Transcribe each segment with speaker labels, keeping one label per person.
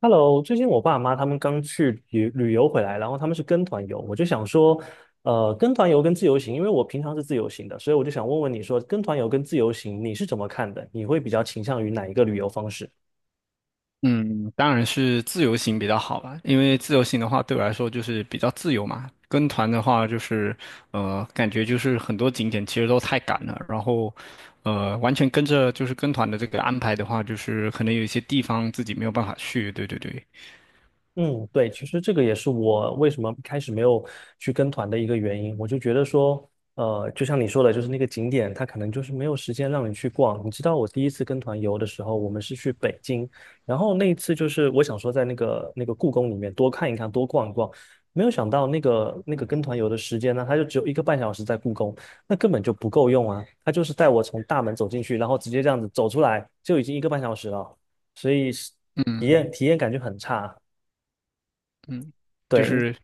Speaker 1: Hello，最近我爸妈他们刚去旅游回来，然后他们是跟团游，我就想说，跟团游跟自由行，因为我平常是自由行的，所以我就想问问你说，跟团游跟自由行你是怎么看的？你会比较倾向于哪一个旅游方式？
Speaker 2: 嗯，当然是自由行比较好吧，因为自由行的话对我来说就是比较自由嘛。跟团的话就是，感觉就是很多景点其实都太赶了，然后，完全跟着就是跟团的这个安排的话，就是可能有一些地方自己没有办法去。对对对，
Speaker 1: 嗯，对，其实这个也是我为什么一开始没有去跟团的一个原因。我就觉得说，就像你说的，就是那个景点，它可能就是没有时间让你去逛。你知道，我第一次跟团游的时候，我们是去北京，然后那一次就是我想说在那个故宫里面多看一看，多逛一逛，没有想到那个跟团游的时间呢，它就只有一个半小时在故宫，那根本就不够用啊。他就是带我从大门走进去，然后直接这样子走出来，就已经一个半小时了，所以是体
Speaker 2: 嗯
Speaker 1: 验体验感就很差。
Speaker 2: 嗯，就
Speaker 1: 对，你
Speaker 2: 是。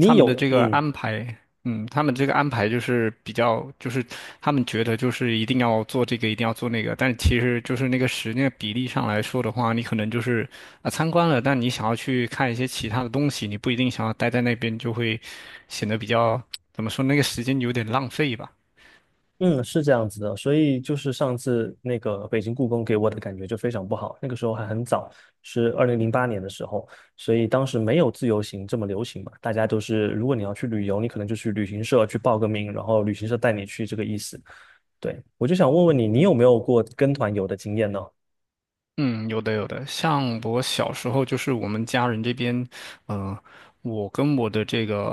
Speaker 2: 他们的
Speaker 1: 有，
Speaker 2: 这个
Speaker 1: 嗯
Speaker 2: 安排，嗯，他们这个安排就是比较，就是他们觉得就是一定要做这个，一定要做那个，但其实就是那个时间比例上来说的话，你可能就是参观了，但你想要去看一些其他的东西，你不一定想要待在那边，就会显得比较，怎么说，那个时间有点浪费吧。
Speaker 1: 嗯，是这样子的，所以就是上次那个北京故宫给我的感觉就非常不好，那个时候还很早，是2008年的时候，所以当时没有自由行这么流行嘛，大家都是如果你要去旅游，你可能就去旅行社去报个名，然后旅行社带你去这个意思。对，我就想问问你，你有没有过跟团游的经验呢？
Speaker 2: 嗯，有的有的，像我小时候，就是我们家人这边，呃，我跟我的这个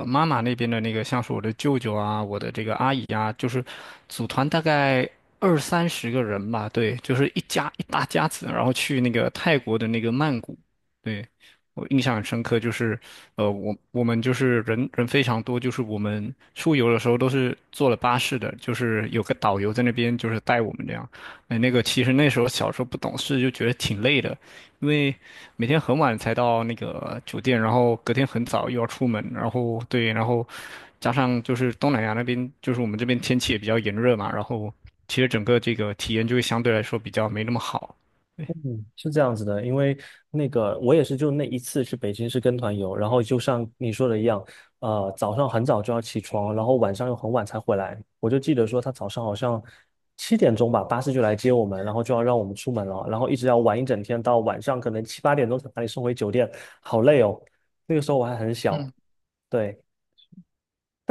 Speaker 2: 妈妈那边的那个，像是我的舅舅啊，我的这个阿姨啊，就是组团大概二三十个人吧，对，就是一家一大家子，然后去那个泰国的那个曼谷，对，我印象很深刻，就是我们就是人人非常多，就是我们出游的时候都是坐了巴士的，就是有个导游在那边就是带我们这样。哎，那个其实那时候小时候不懂事，就觉得挺累的，因为每天很晚才到那个酒店，然后隔天很早又要出门，然后对，然后加上就是东南亚那边，就是我们这边天气也比较炎热嘛，然后其实整个这个体验就会相对来说比较没那么好。对，
Speaker 1: 嗯，是这样子的，因为那个我也是就那一次去北京是跟团游，然后就像你说的一样，早上很早就要起床，然后晚上又很晚才回来。我就记得说他早上好像7点钟吧，巴士就来接我们，然后就要让我们出门了，然后一直要玩一整天，到晚上可能七八点钟才把你送回酒店，好累哦。那个时候我还很小，
Speaker 2: 嗯，
Speaker 1: 对，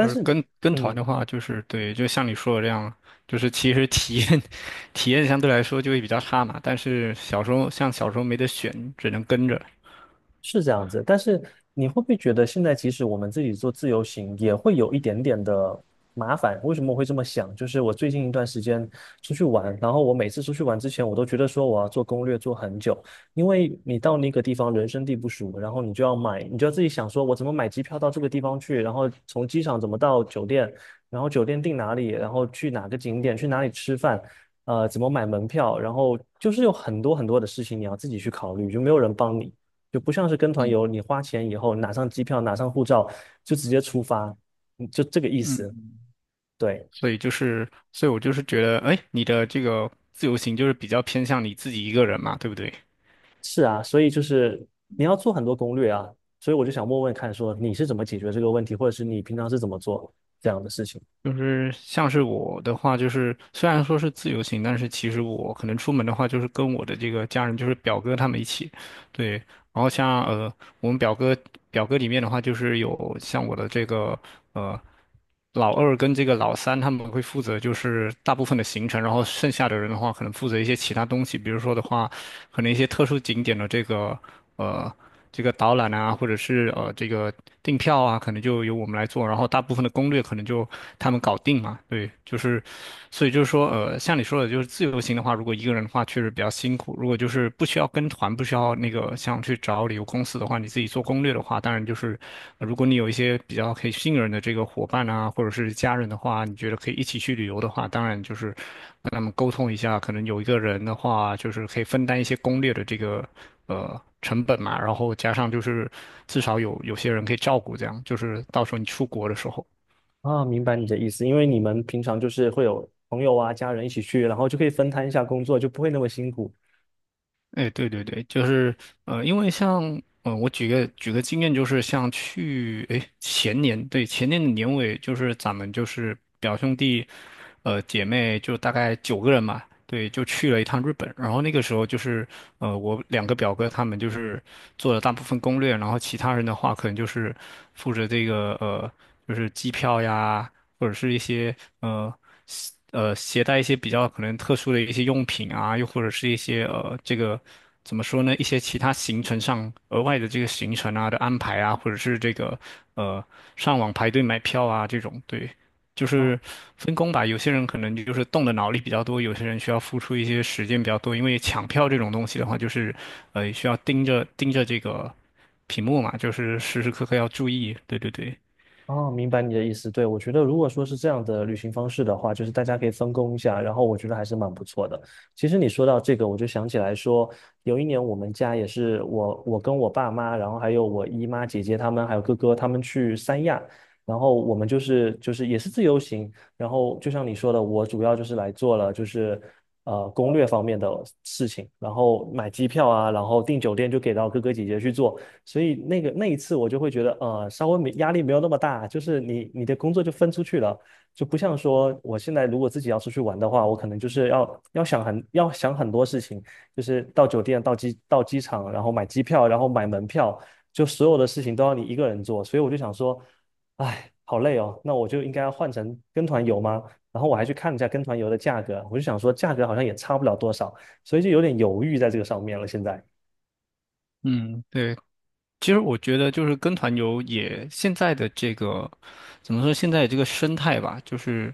Speaker 2: 就是
Speaker 1: 是
Speaker 2: 跟团
Speaker 1: 嗯。
Speaker 2: 的话，就是对，就像你说的这样，就是其实体验 体验相对来说就会比较差嘛，但是小时候像小时候没得选，只能跟着。
Speaker 1: 是这样子，但是你会不会觉得现在即使我们自己做自由行，也会有一点点的麻烦？为什么我会这么想？就是我最近一段时间出去玩，然后我每次出去玩之前，我都觉得说我要做攻略做很久，因为你到那个地方人生地不熟，然后你就要买，你就要自己想说我怎么买机票到这个地方去，然后从机场怎么到酒店，然后酒店订哪里，然后去哪个景点，去哪里吃饭。怎么买门票，然后就是有很多很多的事情你要自己去考虑，就没有人帮你。就不像是跟团游，
Speaker 2: 嗯
Speaker 1: 你花钱以后拿上机票，拿上护照就直接出发，嗯就这个意思。
Speaker 2: 嗯。
Speaker 1: 对，
Speaker 2: 所以就是，所以我就是觉得，哎，你的这个自由行就是比较偏向你自己一个人嘛，对不对？
Speaker 1: 是啊，所以就是你要做很多攻略啊，所以我就想问问看，说你是怎么解决这个问题，或者是你平常是怎么做这样的事情
Speaker 2: 就是像是我的话，就是虽然说是自由行，但是其实我可能出门的话，就是跟我的这个家人，就是表哥他们一起，对。然后像我们表哥表格里面的话，就是有像我的这个呃老二跟这个老三，他们会负责就是大部分的行程，然后剩下的人的话，可能负责一些其他东西，比如说的话，可能一些特殊景点的这个呃这个导览啊，或者是这个订票啊，可能就由我们来做，然后大部分的攻略可能就他们搞定嘛，对，就是所以就是说像你说的，就是自由行的话，如果一个一个人的话，确实比较辛苦。如果就是不需要跟团，不需要那个想去找旅游公司的话，你自己做攻略的话，当然就是如果你有一些比较可以信任的这个伙伴啊，或者是家人的话，你觉得可以一起去旅游的话，当然就是跟他们沟通一下，可能有一个人的话，就是可以分担一些攻略的这个成本嘛，然后加上就是至少有些人可以照顾，这样就是到时候你出国的时候。
Speaker 1: 啊？明白你的意思，因为你们平常就是会有朋友啊、家人一起去，然后就可以分摊一下工作，就不会那么辛苦。
Speaker 2: 哎，对对对，就是因为像我举个经验，就是像去哎前年，对前年的年尾，就是咱们就是表兄弟，姐妹就大概九个人嘛，对，就去了一趟日本。然后那个时候就是我两个表哥他们就是做了大部分攻略，然后其他人的话可能就是负责这个就是机票呀。或者是一些呃携带一些比较可能特殊的一些用品啊，又或者是一些这个怎么说呢，一些其他行程上额外的这个行程啊的安排啊，或者是这个呃上网排队买票啊这种，对，就
Speaker 1: 啊。
Speaker 2: 是分工吧。有些人可能就是动的脑力比较多，有些人需要付出一些时间比较多，因为抢票这种东西的话，就是需要盯着盯着这个屏幕嘛，就是时时刻刻要注意。对对对。
Speaker 1: 哦，明白你的意思。对，我觉得如果说是这样的旅行方式的话，就是大家可以分工一下，然后我觉得还是蛮不错的。其实你说到这个，我就想起来说，有一年我们家也是我跟我爸妈，然后还有我姨妈、姐姐他们，还有哥哥他们去三亚，然后我们就是也是自由行，然后就像你说的，我主要就是来做了就是攻略方面的事情，然后买机票啊，然后订酒店就给到哥哥姐姐去做。所以那个那一次我就会觉得，稍微没压力没有那么大，就是你的工作就分出去了，就不像说我现在如果自己要出去玩的话，我可能就是要想很多事情，就是到酒店、到机到机场，然后买机票，然后买门票，就所有的事情都要你一个人做，所以我就想说，哎，好累哦，那我就应该要换成跟团游吗？然后我还去看了一下跟团游的价格，我就想说价格好像也差不了多少，所以就有点犹豫在这个上面了，现在。
Speaker 2: 嗯，对，其实我觉得就是跟团游也现在的这个怎么说？现在这个生态吧，就是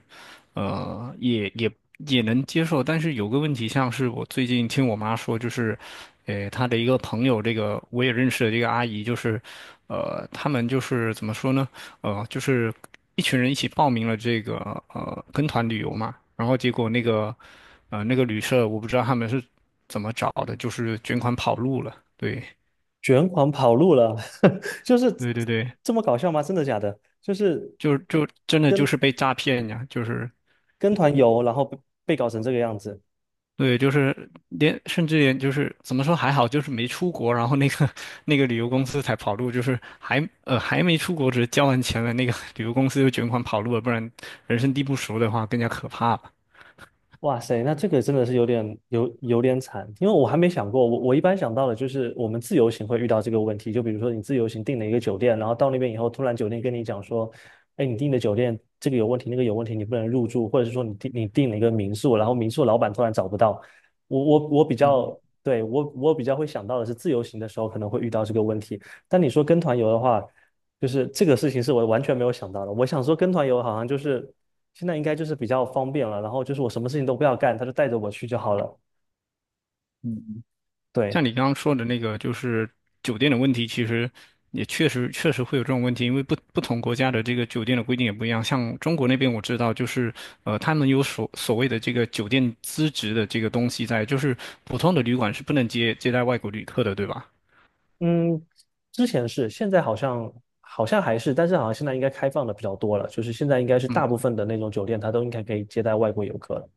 Speaker 2: 呃，也也也能接受。但是有个问题，像是我最近听我妈说，就是她的一个朋友，这个我也认识的这个阿姨，就是他们就是怎么说呢？就是一群人一起报名了这个跟团旅游嘛，然后结果那个那个旅社，我不知道他们是怎么找的，就是卷款跑路了。对，
Speaker 1: 卷款跑路了，就是
Speaker 2: 对对对。
Speaker 1: 这么搞笑吗？真的假的？就是
Speaker 2: 就真的就
Speaker 1: 跟
Speaker 2: 是被诈骗呀，就是
Speaker 1: 跟团游，然后被被搞成这个样子。
Speaker 2: 对，就是甚至连就是怎么说还好，就是没出国，然后那个 那个旅游公司才跑路，就是还没出国，只是交完钱了，那个 旅游公司就卷款跑路了，不然人生地不熟的话更加可怕吧。
Speaker 1: 哇塞，那这个真的是有点惨，因为我还没想过，我一般想到的就是我们自由行会遇到这个问题，就比如说你自由行订了一个酒店，然后到那边以后，突然酒店跟你讲说，哎，你订的酒店这个有问题，那个有问题，你不能入住，或者是说你订了一个民宿，然后民宿老板突然找不到，我比
Speaker 2: 嗯
Speaker 1: 较对我我比较会想到的是自由行的时候可能会遇到这个问题，但你说跟团游的话。就是这个事情是我完全没有想到的。我想说跟团游好像就是现在应该就是比较方便了，然后就是我什么事情都不要干，他就带着我去就好了。
Speaker 2: 嗯嗯，
Speaker 1: 对，
Speaker 2: 像你刚刚说的那个，就是酒店的问题，其实也确实确实会有这种问题，因为不同国家的这个酒店的规定也不一样。像中国那边我知道，就是他们有所谓的这个酒店资质的这个东西在，就是普通的旅馆是不能接待外国旅客的，对吧？
Speaker 1: 嗯，之前是，现在好像好像还是，但是好像现在应该开放的比较多了，就是现在应该是大
Speaker 2: 嗯，
Speaker 1: 部分的那种酒店它都应该可以接待外国游客了。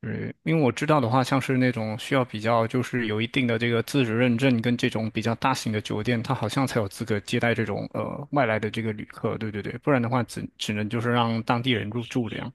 Speaker 2: 对，因为我知道的话，像是那种需要比较就是有一定的这个资质认证跟这种比较大型的酒店，它好像才有资格接待这种外来的这个旅客，对对对，不然的话只能就是让当地人入住这样。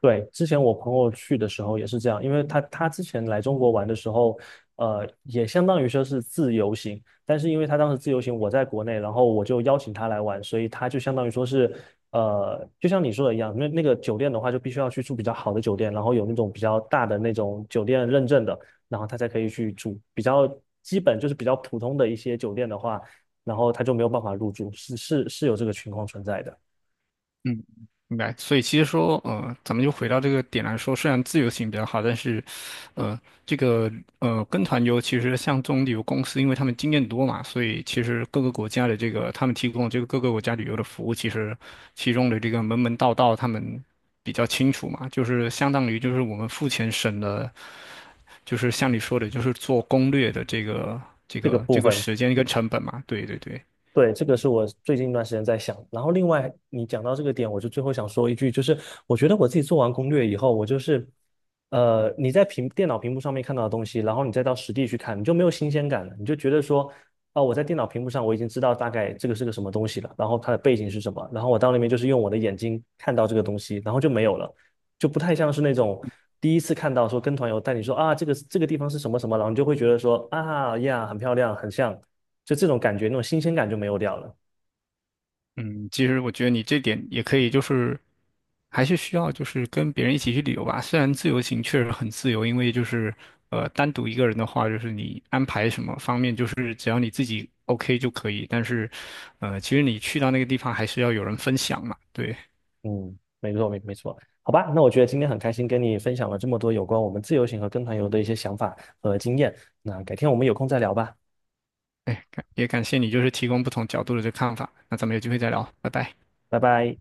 Speaker 1: 对，之前我朋友去的时候也是这样，因为他之前来中国玩的时候，也相当于说是自由行，但是因为他当时自由行我在国内，然后我就邀请他来玩，所以他就相当于说是，就像你说的一样，那那个酒店的话就必须要去住比较好的酒店，然后有那种比较大的那种酒店认证的，然后他才可以去住。比较基本就是比较普通的一些酒店的话，然后他就没有办法入住，是是是有这个情况存在的
Speaker 2: 嗯，明白。所以其实说，咱们就回到这个点来说，虽然自由行比较好，但是，呃，这个跟团游其实像这种旅游公司，因为他们经验多嘛，所以其实各个国家的这个他们提供这个各个国家旅游的服务，其实其中的这个门门道道他们比较清楚嘛，就是相当于就是我们付钱省了，就是像你说的，就是做攻略的这个这
Speaker 1: 这个
Speaker 2: 个这
Speaker 1: 部
Speaker 2: 个
Speaker 1: 分。
Speaker 2: 时间跟成本嘛。对对对。
Speaker 1: 对，这个是我最近一段时间在想。然后，另外你讲到这个点，我就最后想说一句，就是我觉得我自己做完攻略以后，我就是，你在电脑屏幕上面看到的东西，然后你再到实地去看，你就没有新鲜感了，你就觉得说，啊、我在电脑屏幕上我已经知道大概这个是个什么东西了，然后它的背景是什么，然后我到那边就是用我的眼睛看到这个东西，然后就没有了，就不太像是那种第一次看到说跟团游带你说啊，这个这个地方是什么什么，然后你就会觉得说啊呀，很漂亮，很像。就这种感觉，那种新鲜感就没有掉了。
Speaker 2: 嗯，其实我觉得你这点也可以，就是还是需要就是跟别人一起去旅游吧。虽然自由行确实很自由，因为就是单独一个人的话，就是你安排什么方面，就是只要你自己 OK 就可以。但是，其实你去到那个地方还是要有人分享嘛。对，
Speaker 1: 嗯，没错，没错。好吧，那我觉得今天很开心跟你分享了这么多有关我们自由行和跟团游的一些想法和经验。那改天我们有空再聊吧，
Speaker 2: 哎，感谢你就是提供不同角度的这看法。那咱们有机会再聊，拜拜。
Speaker 1: 拜拜。